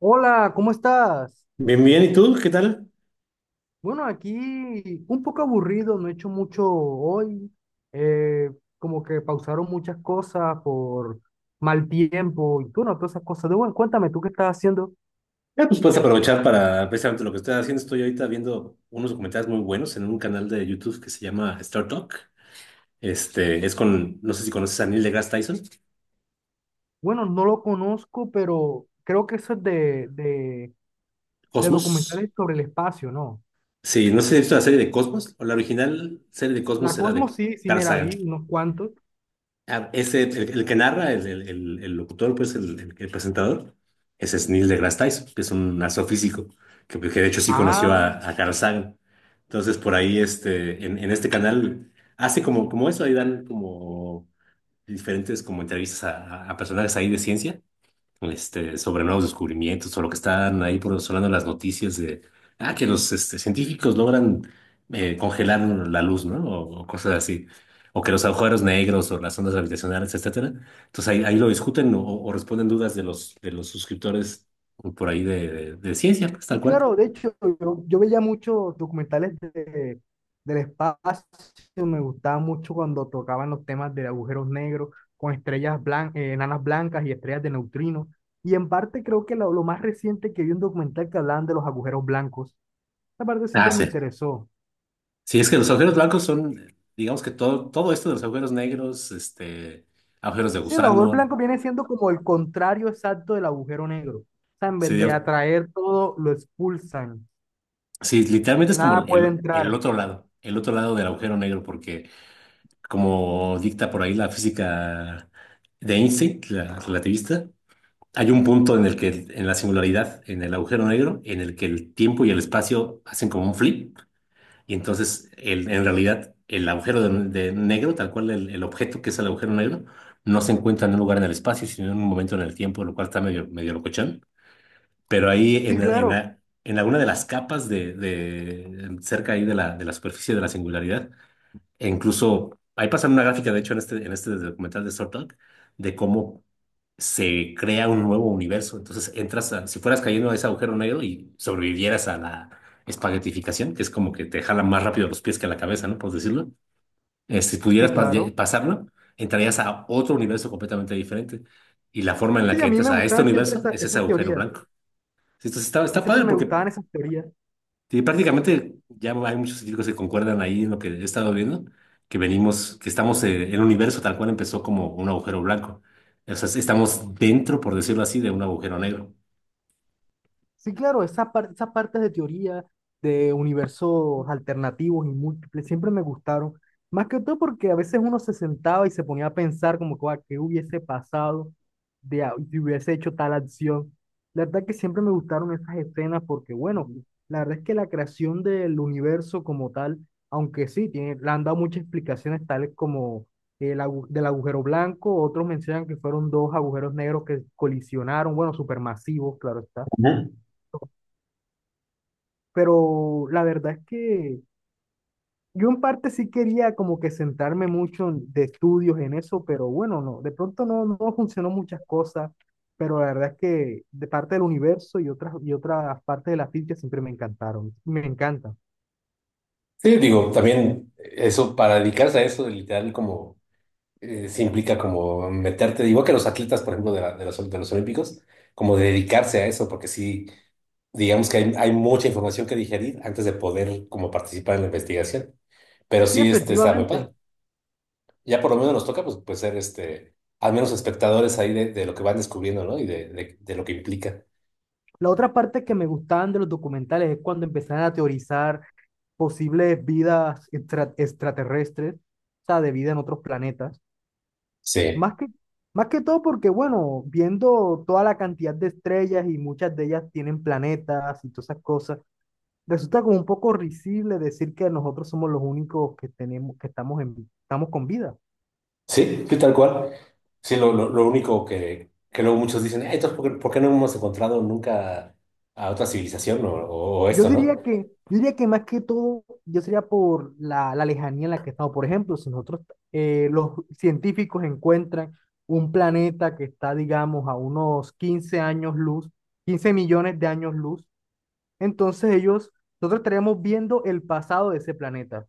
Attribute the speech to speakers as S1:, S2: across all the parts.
S1: Hola, ¿cómo estás?
S2: Bien, bien. ¿Y tú? ¿Qué tal?
S1: Bueno, aquí un poco aburrido, no he hecho mucho hoy. eh, Como que pausaron muchas cosas por mal tiempo y tú, no, todas esas cosas. De, bueno, cuéntame, ¿tú qué estás haciendo?
S2: Ah, pues puedes aprovechar para precisamente lo que estoy haciendo. Estoy ahorita viendo unos documentales muy buenos en un canal de YouTube que se llama Star Talk. Este es con, no sé si conoces a Neil deGrasse Tyson,
S1: Bueno, no lo conozco, pero creo que eso es de
S2: Cosmos.
S1: documentales sobre el espacio, ¿no?
S2: Sí, no sé si has visto la serie de Cosmos o la original serie de Cosmos
S1: La
S2: era de
S1: Cosmos sí, sí
S2: Carl
S1: me la
S2: Sagan.
S1: vi, unos cuantos.
S2: Ah, ese, el que narra, el locutor, pues el presentador, ese es Neil deGrasse Tyson, que es un astrofísico, que de hecho sí conoció
S1: Ah,
S2: a, Carl Sagan. Entonces, por ahí, en este canal, hace como eso, ahí dan como diferentes como entrevistas a, a personajes ahí de ciencia, sobre nuevos descubrimientos o lo que están ahí por sonando en las noticias de que los científicos logran congelar la luz, ¿no? O cosas así. O que los agujeros negros o las ondas gravitacionales, etcétera. Entonces ahí lo discuten o responden dudas de los suscriptores por ahí de ciencia, pues, tal
S1: sí,
S2: cual.
S1: claro, de hecho, yo veía muchos documentales del espacio, me gustaba mucho cuando tocaban los temas de agujeros negros con estrellas blancas, enanas blancas y estrellas de neutrinos. Y en parte creo que lo más reciente que vi un documental que hablaban de los agujeros blancos. Esa parte
S2: Ah,
S1: siempre me
S2: sí.
S1: interesó.
S2: Sí, es que los agujeros blancos son, digamos que todo esto de los agujeros negros, agujeros de
S1: Sí, el agujero
S2: gusano,
S1: blanco viene siendo como el contrario exacto del agujero negro. O sea, en
S2: sí,
S1: vez de
S2: digamos.
S1: atraer todo, lo expulsan.
S2: Sí, literalmente es como
S1: Nada puede
S2: el, el
S1: entrar.
S2: otro lado, el otro lado del agujero negro, porque como dicta por ahí la física de Einstein, la relativista, hay un punto en el que, en la singularidad, en el agujero negro, en el que el tiempo y el espacio hacen como un flip, y entonces en realidad el agujero de negro, tal cual el objeto que es el agujero negro, no se encuentra en un lugar en el espacio, sino en un momento en el tiempo, lo cual está medio, medio locochón. Pero ahí
S1: Sí,
S2: en, en,
S1: claro,
S2: la- en alguna de las capas de, cerca ahí de la superficie de la singularidad, e incluso ahí pasan una gráfica, de hecho, en este documental de Star Talk, de cómo se crea un nuevo universo. Entonces entras a, si fueras cayendo a ese agujero negro y sobrevivieras a la espaguetificación, que es como que te jalan más rápido los pies que la cabeza, ¿no? Por decirlo. Si
S1: sí,
S2: pudieras
S1: claro.
S2: pasarlo, entrarías a otro universo completamente diferente. Y la forma en la
S1: Sí,
S2: que
S1: a mí
S2: entras
S1: me
S2: a este
S1: gustaban siempre
S2: universo es ese
S1: esas
S2: agujero
S1: teorías.
S2: blanco. Entonces está,
S1: Mí
S2: está
S1: siempre
S2: padre
S1: me
S2: porque
S1: gustaban esas teorías.
S2: sí, prácticamente ya hay muchos científicos que concuerdan ahí en lo que he estado viendo, que venimos, que estamos, el universo tal cual empezó como un agujero blanco. O sea, estamos dentro, por decirlo así, de un agujero negro.
S1: Sí, claro, esas partes de teoría, de universos alternativos y múltiples, siempre me gustaron. Más que todo porque a veces uno se sentaba y se ponía a pensar como que, "Guau, qué hubiese pasado si hubiese hecho tal acción. La verdad que siempre me gustaron esas escenas porque, bueno, la verdad es que la creación del universo como tal, aunque sí, tiene, le han dado muchas explicaciones tales como del agujero blanco, otros mencionan que fueron dos agujeros negros que colisionaron, bueno, supermasivos, claro está.
S2: Ujú.
S1: Pero la verdad es que yo en parte sí quería como que centrarme mucho de estudios en eso, pero bueno, no, de pronto no, no funcionó muchas cosas, pero la verdad es que de parte del universo y otras partes de la física siempre me encantaron, me encantan.
S2: Sí, digo, también eso, para dedicarse a eso, literal, como se implica como meterte, igual que los atletas, por ejemplo, de los olímpicos, como dedicarse a eso, porque sí, digamos que hay mucha información que digerir antes de poder como participar en la investigación. Pero
S1: Sí,
S2: sí, está muy padre.
S1: efectivamente.
S2: Ya por lo menos nos toca pues ser al menos espectadores ahí de lo que van descubriendo, ¿no? Y de lo que implica.
S1: La otra parte que me gustaban de los documentales es cuando empezaron a teorizar posibles vidas extraterrestres, o sea, de vida en otros planetas.
S2: Sí,
S1: Más que, más que todo porque, bueno, viendo toda la cantidad de estrellas y muchas de ellas tienen planetas y todas esas cosas, resulta como un poco risible decir que nosotros somos los únicos que tenemos, que estamos en, estamos con vida.
S2: sí, sí, tal cual. Sí, lo único que luego muchos dicen, "Entonces, ¿por qué, no hemos encontrado nunca a otra civilización o
S1: Yo
S2: esto, ¿no?
S1: diría que, yo diría que más que todo, yo sería por la lejanía en la que estamos. Por ejemplo, si nosotros, los científicos encuentran un planeta que está, digamos, a unos 15 años luz, 15 millones de años luz. Entonces ellos, nosotros estaríamos viendo el pasado de ese planeta.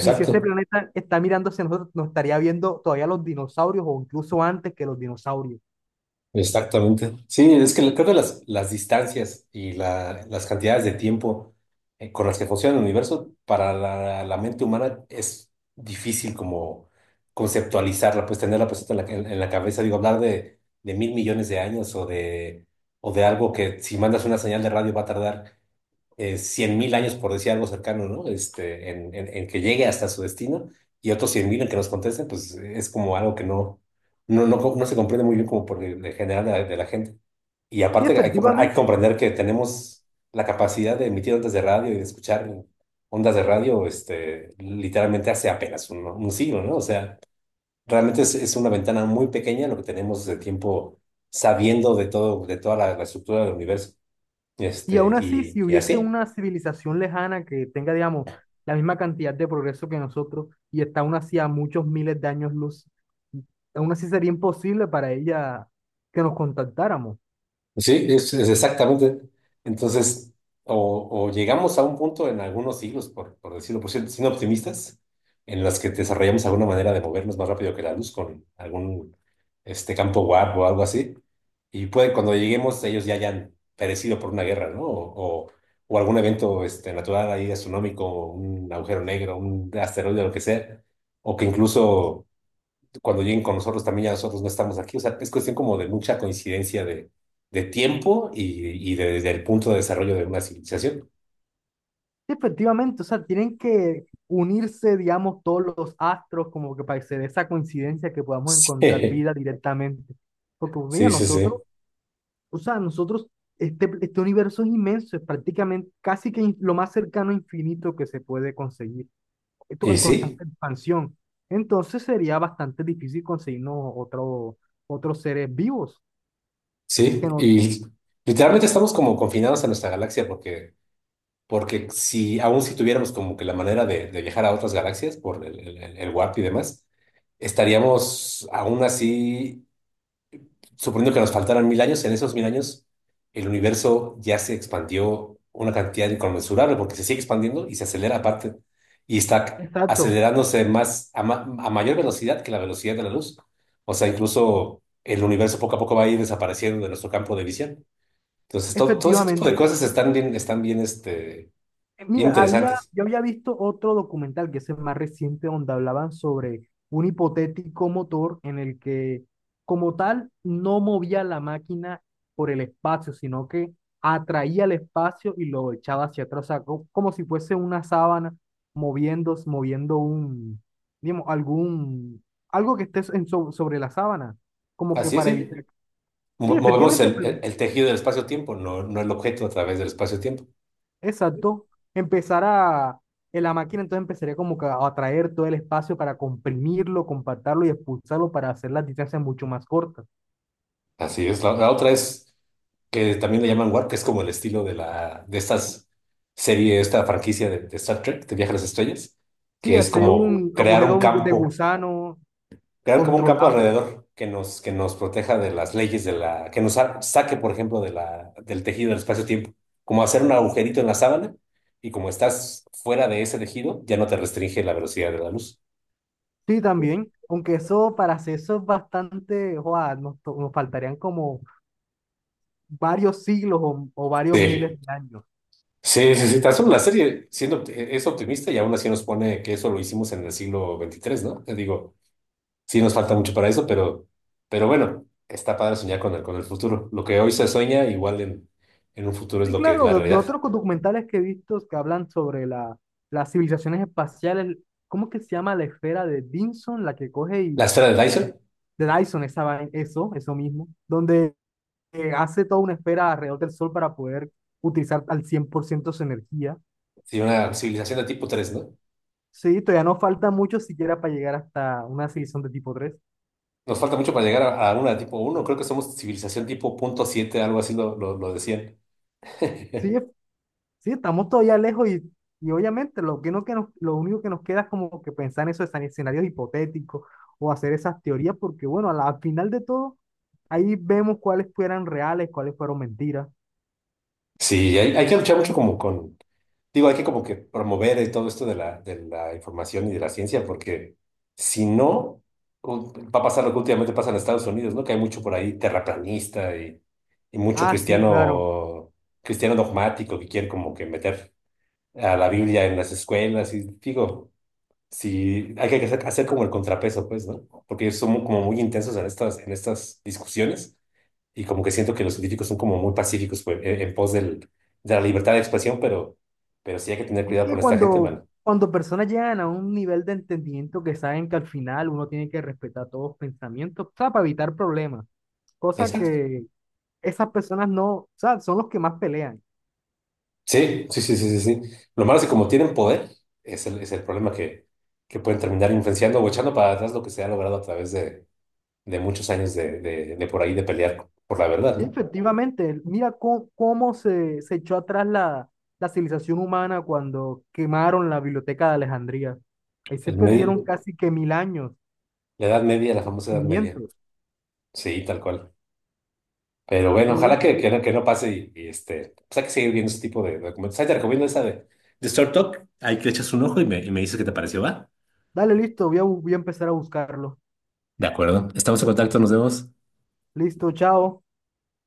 S1: Y si ese planeta está mirando hacia nosotros, nos estaría viendo todavía los dinosaurios o incluso antes que los dinosaurios.
S2: Exactamente. Sí, es que creo que las distancias y las cantidades de tiempo con las que funciona el universo para la mente humana es difícil como conceptualizarla, pues tenerla presente en la cabeza. Digo, hablar de 1.000 millones de años o de algo que si mandas una señal de radio va a tardar 100.000 años, por decir algo cercano, ¿no? En que llegue hasta su destino y otros 100.000 en que nos contesten, pues es como algo que no se comprende muy bien como por el general de la gente. Y
S1: Sí,
S2: aparte hay que
S1: efectivamente.
S2: comprender que tenemos la capacidad de emitir ondas de radio y de escuchar ondas de radio, literalmente hace apenas un siglo, ¿no? O sea, realmente es una ventana muy pequeña lo que tenemos de tiempo sabiendo de todo, de toda la estructura del universo.
S1: Y
S2: Este,
S1: aún así,
S2: y,
S1: si
S2: y
S1: hubiese
S2: así.
S1: una civilización lejana que tenga, digamos, la misma cantidad de progreso que nosotros y está aún así a muchos miles de años luz, aún así sería imposible para ella que nos contactáramos.
S2: Sí, es exactamente. Entonces, o llegamos a un punto en algunos siglos, por decirlo, por cierto, siendo optimistas, en las que desarrollamos alguna manera de movernos más rápido que la luz con algún campo warp o algo así. Y puede, cuando lleguemos, ellos ya hayan perecido por una guerra, ¿no? O algún evento natural ahí astronómico, un agujero negro, un asteroide, lo que sea. O que incluso cuando lleguen con nosotros también ya nosotros no estamos aquí. O sea, es cuestión como de mucha coincidencia de tiempo y del punto de desarrollo de una civilización.
S1: Sí, efectivamente, o sea, tienen que unirse, digamos, todos los astros como que para hacer esa coincidencia que podamos encontrar vida directamente. Porque, pues, mira,
S2: Sí, sí, sí,
S1: nosotros,
S2: sí.
S1: o sea, nosotros, este universo es inmenso, es prácticamente casi que lo más cercano a infinito que se puede conseguir. Esto
S2: Y
S1: en
S2: sí,
S1: constante expansión. Entonces sería bastante difícil conseguirnos otros seres vivos.
S2: sí.
S1: Que nos...
S2: Y literalmente estamos como confinados a nuestra galaxia porque si aún si tuviéramos como que la manera de viajar a otras galaxias por el warp y demás, estaríamos aún así suponiendo que nos faltaran 1.000 años, en esos 1.000 años el universo ya se expandió una cantidad inconmensurable porque se sigue expandiendo y se acelera aparte y está
S1: Exacto,
S2: acelerándose más a mayor velocidad que la velocidad de la luz. O sea, incluso el universo poco a poco va a ir desapareciendo de nuestro campo de visión. Entonces, todo ese tipo de
S1: efectivamente.
S2: cosas están bien, bien
S1: Mira,
S2: interesantes.
S1: yo había visto otro documental que es el más reciente donde hablaban sobre un hipotético motor en el que como tal no movía la máquina por el espacio, sino que atraía el espacio y lo echaba hacia atrás, o sea, como si fuese una sábana moviendo, moviendo un, digamos, algo que esté sobre la sábana, como que
S2: Así es,
S1: para
S2: sí.
S1: evitar. Sí,
S2: Movemos
S1: efectivamente,
S2: el,
S1: pues,
S2: el- el tejido del espacio-tiempo, no, el objeto a través del espacio-tiempo.
S1: exacto. Empezar a, en la máquina entonces empezaría como que a atraer todo el espacio para comprimirlo, compactarlo y expulsarlo para hacer las distancias mucho más cortas.
S2: Así es. La otra es que también le llaman Warp, que es como el estilo de la, de estas serie, esta franquicia de Star Trek, de Viaje a las Estrellas,
S1: Sí,
S2: que es
S1: hacer
S2: como
S1: un
S2: crear un
S1: agujero de
S2: campo,
S1: gusano
S2: crear como un campo
S1: controlado.
S2: alrededor que nos proteja de las leyes que nos saque, por ejemplo, del tejido del espacio-tiempo. Como hacer un agujerito en la sábana, y como estás fuera de ese tejido, ya no te restringe la velocidad de la luz.
S1: Sí, también. Aunque eso, para hacer eso es bastante, joa, nos, nos faltarían como varios siglos o varios miles
S2: Sí.
S1: de años.
S2: Sí, sí, sí, tan solo la serie siendo, es optimista y aún así nos pone que eso lo hicimos en el siglo 23, ¿no? Te digo, sí nos falta mucho para eso, pero bueno, está padre soñar con el futuro. Lo que hoy se sueña, igual en un futuro es
S1: Sí,
S2: lo que es
S1: claro,
S2: la
S1: de
S2: realidad.
S1: otros documentales que he visto que hablan sobre las civilizaciones espaciales, ¿cómo es que se llama la esfera de Vinson, la que coge
S2: La
S1: y
S2: esfera de Dyson,
S1: de Dyson, eso, eso mismo, donde hace toda una esfera alrededor del sol para poder utilizar al 100% su energía.
S2: sí, una civilización de tipo tres, ¿no?
S1: Sí, todavía nos falta mucho siquiera para llegar hasta una civilización de tipo 3.
S2: Nos falta mucho para llegar a una de tipo uno. Creo que somos civilización tipo punto siete, algo así, lo decían.
S1: Sí, sí, estamos todavía lejos y obviamente lo que no que nos, lo único que nos queda es como que pensar en esos escenarios hipotéticos o hacer esas teorías, porque bueno, al final de todo, ahí vemos cuáles fueran reales, cuáles fueron mentiras.
S2: Sí, hay que luchar mucho como con. Digo, hay que como que promover todo esto de la información y de la ciencia, porque si no, va a pasar lo que últimamente pasa en Estados Unidos, ¿no? Que hay mucho por ahí terraplanista y, mucho
S1: Ah, sí, claro.
S2: cristiano, cristiano dogmático que quiere como que meter a la Biblia en las escuelas. Y digo, si hay que hacer como el contrapeso, pues, ¿no? Porque ellos son como muy intensos en estas discusiones y como que siento que los científicos son como muy pacíficos pues, en pos de la libertad de expresión, pero sí hay que tener
S1: Es
S2: cuidado
S1: que
S2: con esta gente,
S1: cuando,
S2: mano.
S1: cuando personas llegan a un nivel de entendimiento que saben que al final uno tiene que respetar todos los pensamientos, o sea, para evitar problemas, cosa
S2: Exacto.
S1: que esas personas no, o sea, son los que más pelean.
S2: Sí, sí, sí, sí, sí, sí. Lo malo es que como tienen poder, es el problema que pueden terminar influenciando o echando para atrás lo que se ha logrado a través de muchos años de por ahí de pelear por la verdad,
S1: Y
S2: ¿no?
S1: efectivamente, mira cómo se echó atrás la civilización humana cuando quemaron la biblioteca de Alejandría. Ahí se
S2: El
S1: perdieron
S2: medio-
S1: casi que 1.000 años,
S2: la Edad Media, la famosa Edad Media.
S1: cimientos.
S2: Sí, tal cual. Pero bueno,
S1: Pero
S2: ojalá
S1: bueno,
S2: que no pase pues hay que seguir viendo ese tipo de documentos. Ahí te recomiendo esa de Short Talk. Ahí le echas un ojo y me dices qué te pareció, ¿va?
S1: dale, listo, voy a voy a empezar a buscarlo.
S2: De acuerdo. Estamos en contacto, nos vemos.
S1: Listo, chao.